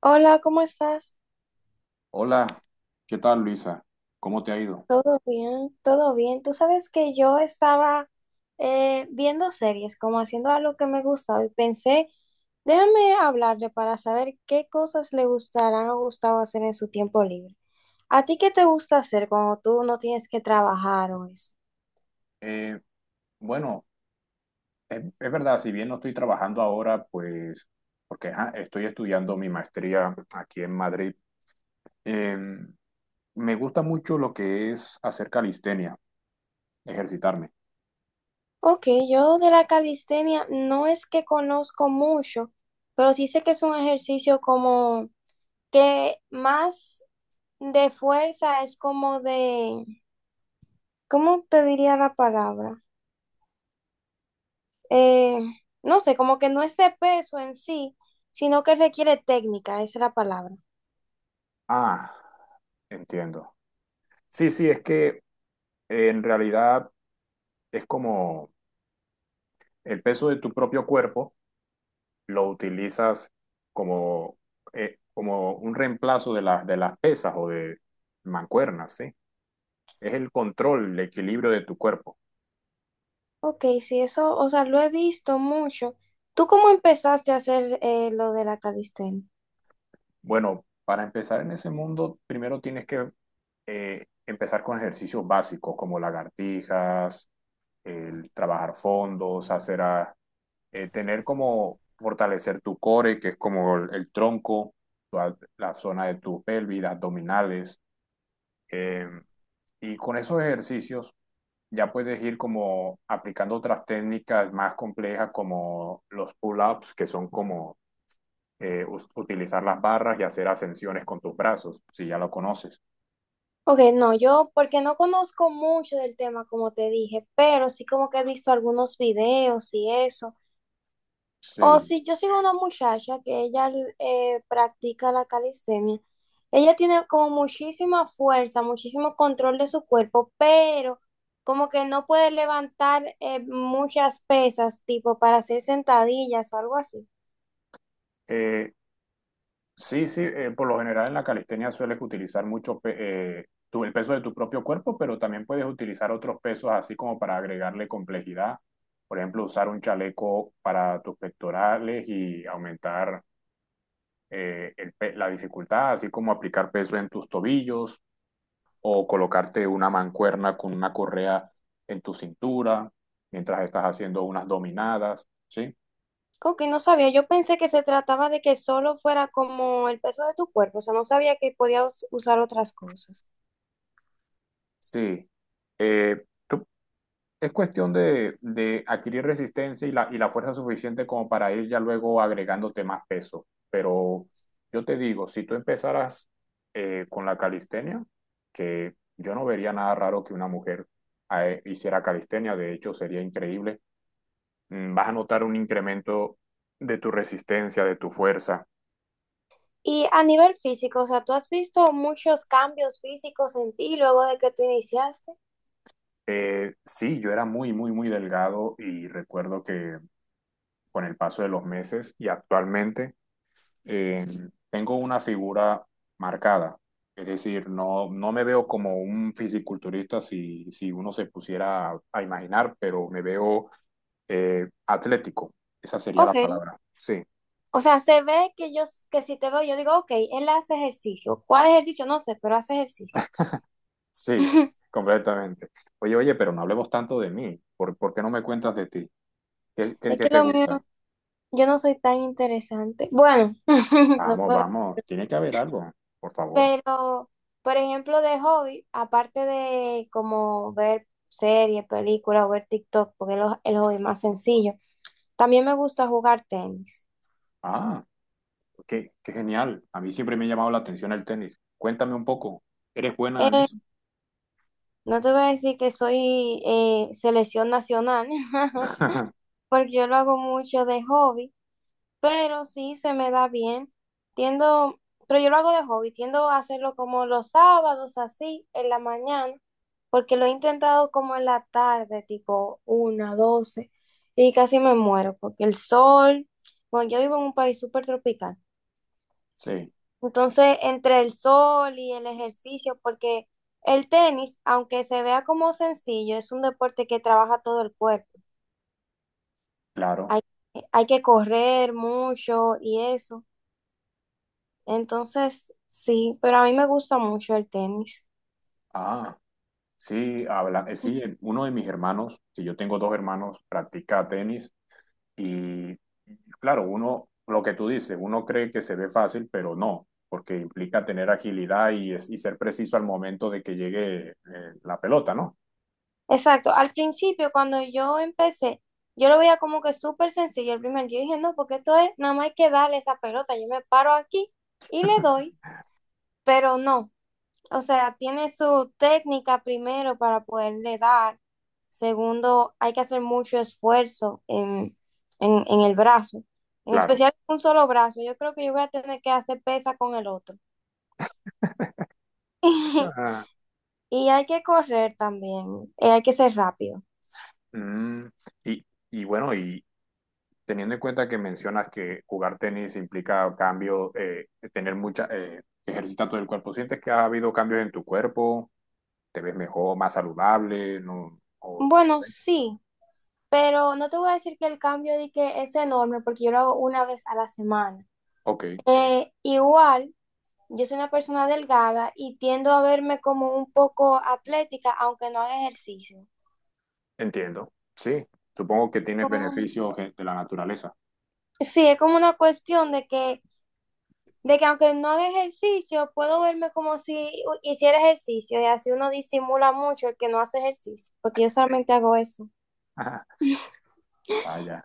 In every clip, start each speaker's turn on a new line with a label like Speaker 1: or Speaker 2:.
Speaker 1: Hola, ¿cómo estás?
Speaker 2: Hola, ¿qué tal Luisa? ¿Cómo te ha ido?
Speaker 1: ¿Todo bien? ¿Todo bien? Tú sabes que yo estaba viendo series, como haciendo algo que me gustaba y pensé, déjame hablarle para saber qué cosas le gustarán o gustaba hacer en su tiempo libre. ¿A ti qué te gusta hacer cuando tú no tienes que trabajar o eso?
Speaker 2: Eh, bueno, es verdad, si bien no estoy trabajando ahora, pues porque ajá, estoy estudiando mi maestría aquí en Madrid. eh, Me gusta mucho lo que es hacer calistenia, ejercitarme.
Speaker 1: Ok, yo de la calistenia no es que conozco mucho, pero sí sé que es un ejercicio como que más de fuerza es como de. ¿Cómo te diría la palabra? Eh, no sé, como que no es de peso en sí, sino que requiere técnica, esa es la palabra.
Speaker 2: Ah, entiendo. Sí, sí, es que en realidad es como el peso de tu propio cuerpo lo utilizas como, como un reemplazo de las pesas o de mancuernas, ¿sí? Es el control, el equilibrio de tu cuerpo.
Speaker 1: Ok, sí, eso, o sea, lo he visto mucho. ¿Tú cómo empezaste a hacer lo de la calistenia?
Speaker 2: Bueno, para empezar en ese mundo, primero tienes que empezar con ejercicios básicos como lagartijas, el trabajar fondos, tener como fortalecer tu core, que es como el tronco, zona de tu pelvis, abdominales. Eh, y con esos ejercicios ya puedes ir como aplicando otras técnicas más complejas como los pull-ups, que son como utilizar las barras y hacer ascensiones con tus brazos, si ya lo conoces.
Speaker 1: Ok, no, yo porque no conozco mucho del tema, como te dije, pero sí como que he visto algunos videos y eso. O
Speaker 2: Sí.
Speaker 1: si yo sigo una muchacha que ella practica la calistenia, ella tiene como muchísima fuerza, muchísimo control de su cuerpo, pero como que no puede levantar muchas pesas, tipo para hacer sentadillas o algo así.
Speaker 2: Eh, sí, sí, por lo general en la calistenia sueles utilizar mucho el peso de tu propio cuerpo, pero también puedes utilizar otros pesos así como para agregarle complejidad. Por ejemplo, usar un chaleco para tus pectorales y aumentar el la dificultad, así como aplicar peso en tus tobillos o colocarte una mancuerna con una correa en tu cintura mientras estás haciendo unas dominadas, ¿sí?
Speaker 1: Como que no sabía, yo pensé que se trataba de que solo fuera como el peso de tu cuerpo, o sea, no sabía que podías usar otras cosas.
Speaker 2: Sí. Eh, tú- es cuestión de adquirir resistencia y y la fuerza suficiente como para ir ya luego agregándote más peso. Pero yo te digo, si tú empezaras con la calistenia, que yo no vería nada raro que una mujer hiciera calistenia, de hecho sería increíble, vas a notar un incremento de tu resistencia, de tu fuerza.
Speaker 1: Y a nivel físico, o sea, ¿tú has visto muchos cambios físicos en ti luego de que tú iniciaste?
Speaker 2: Sí, yo era muy, muy, muy delgado y recuerdo que con el paso de los meses y actualmente eh, tengo una figura marcada. Es decir, no, no me veo como un fisiculturista si uno se pusiera a imaginar, pero me veo atlético. Esa sería la
Speaker 1: Ok.
Speaker 2: palabra. Sí,
Speaker 1: O sea, se ve que yo, que si te veo, yo digo, ok, él hace ejercicio. ¿Cuál ejercicio? No sé, pero hace ejercicio.
Speaker 2: sí, completamente. Oye, oye, pero no hablemos tanto de mí. Por qué no me cuentas de ti?
Speaker 1: Es
Speaker 2: Qué
Speaker 1: que
Speaker 2: te
Speaker 1: lo mío,
Speaker 2: gusta?
Speaker 1: yo no soy tan interesante. Bueno, no
Speaker 2: Vamos,
Speaker 1: puedo.
Speaker 2: vamos, tiene que haber algo, por favor.
Speaker 1: Pero, por ejemplo, de hobby, aparte de como ver series, películas o ver TikTok, porque es lo- el hobby más sencillo, también me gusta jugar tenis.
Speaker 2: Ah. Qué genial. A mí siempre me ha llamado la atención el tenis. Cuéntame un poco. ¿Eres buena en eso?
Speaker 1: No te voy a decir que soy selección nacional, porque yo lo hago mucho de hobby. Pero sí se me da bien. Tiendo, pero yo lo hago de hobby, tiendo a hacerlo como los sábados, así, en la mañana, porque lo he intentado como en la tarde, tipo una, doce, y casi me muero, porque el sol, bueno, yo vivo en un país súper tropical.
Speaker 2: Sí,
Speaker 1: Entonces, entre el sol y el ejercicio, porque el tenis, aunque se vea como sencillo, es un deporte que trabaja todo el cuerpo.
Speaker 2: claro.
Speaker 1: Hay, hay que correr mucho y eso. Entonces, sí, pero a mí me gusta mucho el tenis.
Speaker 2: Ah, sí, habla, sí, uno de mis hermanos, si yo tengo dos hermanos, practica tenis y claro, uno, lo que tú dices, uno cree que se ve fácil, pero no, porque implica tener agilidad y, y ser preciso al momento de que llegue la pelota, ¿no?
Speaker 1: Exacto, al principio cuando yo empecé, yo lo veía como que súper sencillo el primer día. Yo dije, no, porque esto es, nada más hay que darle esa pelota, yo me paro aquí y le doy, pero no. O sea, tiene su técnica primero para poderle dar. Segundo, hay que hacer mucho esfuerzo en el brazo. En
Speaker 2: Claro.
Speaker 1: especial un solo brazo. Yo creo que yo voy a tener que hacer pesa con el otro.
Speaker 2: Ajá.
Speaker 1: Y hay que correr también, hay que ser rápido.
Speaker 2: Mm, y, bueno, y, teniendo en cuenta que mencionas que jugar tenis implica cambio, tener ejercitar todo el cuerpo, ¿sientes que ha habido cambios en tu cuerpo? ¿Te ves mejor, más saludable? No, o,
Speaker 1: Bueno, sí, pero no te voy a decir que el cambio de que es enorme porque yo lo hago una vez a la semana.
Speaker 2: ok,
Speaker 1: Igual, yo soy una persona delgada y tiendo a verme como un poco atlética, aunque no haga ejercicio.
Speaker 2: entiendo. Sí, supongo que tienes
Speaker 1: Como-
Speaker 2: beneficios de la naturaleza.
Speaker 1: sí, es como una cuestión de que. De que aunque no haga ejercicio, puedo verme como si hu- hiciera ejercicio y así uno disimula mucho el que no hace ejercicio, porque yo solamente hago eso.
Speaker 2: Vaya.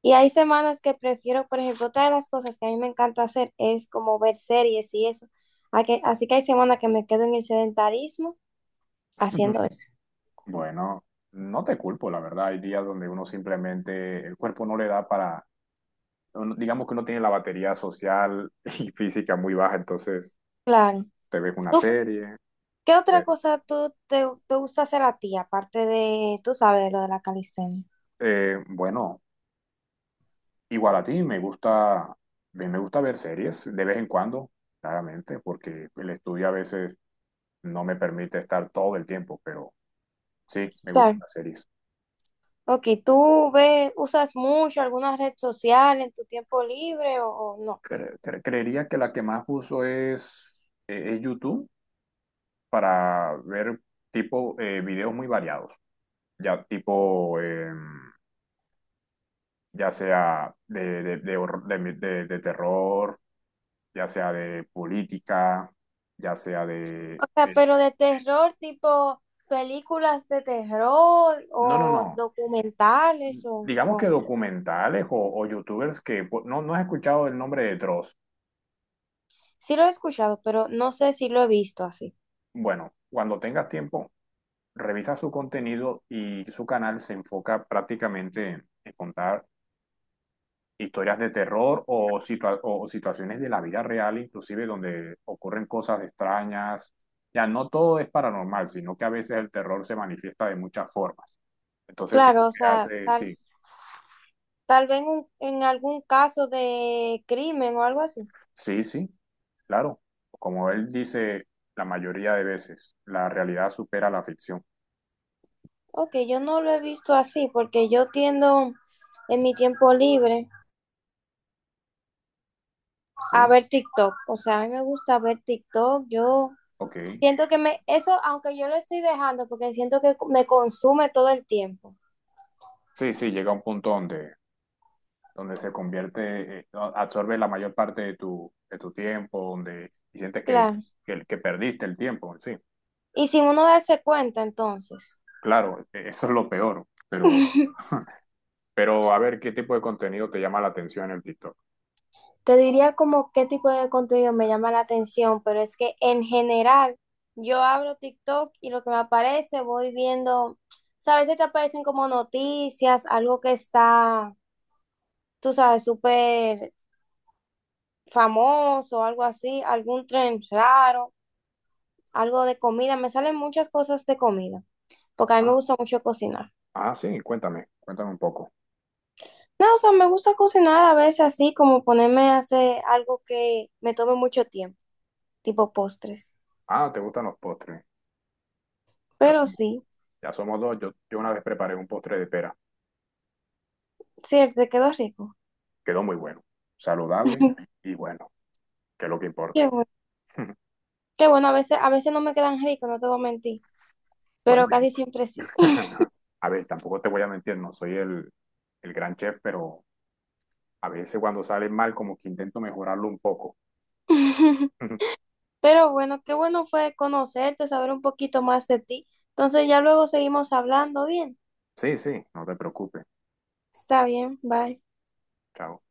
Speaker 1: Y hay semanas que prefiero, por ejemplo, otra de las cosas que a mí me encanta hacer es como ver series y eso. A que- Así que hay semanas que me quedo en el sedentarismo haciendo eso.
Speaker 2: Bueno, no te culpo, la verdad. Hay días donde uno simplemente, el cuerpo no le da para, digamos que uno tiene la batería social y física muy baja, entonces
Speaker 1: Claro.
Speaker 2: te ves una
Speaker 1: ¿Tú
Speaker 2: serie,
Speaker 1: qué otra
Speaker 2: eh,
Speaker 1: cosa tú te, te gusta hacer a ti, aparte de, tú sabes, de lo de la calistenia?
Speaker 2: Bueno, igual a ti, me gusta, a mí me gusta ver series de vez en cuando, claramente, porque el estudio a veces no me permite estar todo el tiempo, pero sí, me gustan
Speaker 1: Claro.
Speaker 2: las series.
Speaker 1: Ok, ¿tú ves, usas mucho alguna red social en tu tiempo libre o no?
Speaker 2: Creería que la que más uso es YouTube para ver tipo videos muy variados, ya tipo, ya sea de horror- de terror, ya sea de política, ya sea de...
Speaker 1: O sea, pero de terror, tipo películas de terror
Speaker 2: no, no,
Speaker 1: o
Speaker 2: no.
Speaker 1: documentales o
Speaker 2: Digamos que
Speaker 1: con...
Speaker 2: documentales o youtubers que no, no has escuchado el nombre de Dross.
Speaker 1: Sí lo he escuchado, pero no sé si lo he visto así.
Speaker 2: Bueno, cuando tengas tiempo, revisa su contenido y su canal se enfoca prácticamente en contar historias de terror o, o situaciones de la vida real, inclusive donde ocurren cosas extrañas. Ya no todo es paranormal, sino que a veces el terror se manifiesta de muchas formas. Entonces, eso es lo
Speaker 1: Claro, o
Speaker 2: que
Speaker 1: sea,
Speaker 2: hace,
Speaker 1: tal,
Speaker 2: sí.
Speaker 1: tal vez en, un- en algún caso de crimen o algo así.
Speaker 2: Sí, sí, claro. Como él dice la mayoría de veces, la realidad supera la ficción,
Speaker 1: Ok, yo no lo he visto así porque yo tiendo en mi tiempo libre a
Speaker 2: ¿sí?
Speaker 1: ver TikTok. O sea, a mí me gusta ver TikTok, yo...
Speaker 2: Ok.
Speaker 1: Siento que me, eso, aunque yo lo estoy dejando, porque siento que me consume todo el tiempo.
Speaker 2: Sí, sí, llega un punto donde, donde se convierte, no, absorbe la mayor parte de de tu tiempo, donde y sientes que,
Speaker 1: Claro.
Speaker 2: que perdiste el tiempo, sí.
Speaker 1: Y sin uno darse cuenta, entonces.
Speaker 2: Claro, eso es lo peor, pero a ver, ¿qué tipo de contenido te llama la atención en el TikTok?
Speaker 1: Te diría como qué tipo de contenido me llama la atención, pero es que en general yo abro TikTok y lo que me aparece voy viendo, ¿sabes? A veces te aparecen como noticias, algo que está, tú sabes, súper famoso, algo así, algún tren raro, algo de comida. Me salen muchas cosas de comida, porque a mí me
Speaker 2: Ah,
Speaker 1: gusta mucho cocinar.
Speaker 2: ah, sí, cuéntame, cuéntame un poco.
Speaker 1: No, o sea, me gusta cocinar a veces así, como ponerme a hacer algo que me tome mucho tiempo, tipo postres.
Speaker 2: Ah, ¿te gustan los postres? Ya
Speaker 1: Pero
Speaker 2: somos,
Speaker 1: sí,
Speaker 2: ya somos dos, yo una vez preparé un postre de pera.
Speaker 1: sí, te quedó rico.
Speaker 2: Quedó muy bueno, saludable y bueno, que es lo que
Speaker 1: Qué
Speaker 2: importa.
Speaker 1: bueno, qué bueno, a veces no me quedan ricos, no te voy a mentir,
Speaker 2: Bueno,
Speaker 1: pero
Speaker 2: y-
Speaker 1: casi siempre sí.
Speaker 2: a ver, tampoco te voy a mentir, no soy el gran chef, pero a veces cuando sale mal, como que intento mejorarlo un poco.
Speaker 1: Pero bueno, qué bueno fue conocerte, saber un poquito más de ti. Entonces ya luego seguimos hablando, bien.
Speaker 2: Sí, sí, no te preocupes.
Speaker 1: Está bien, bye.
Speaker 2: Chao.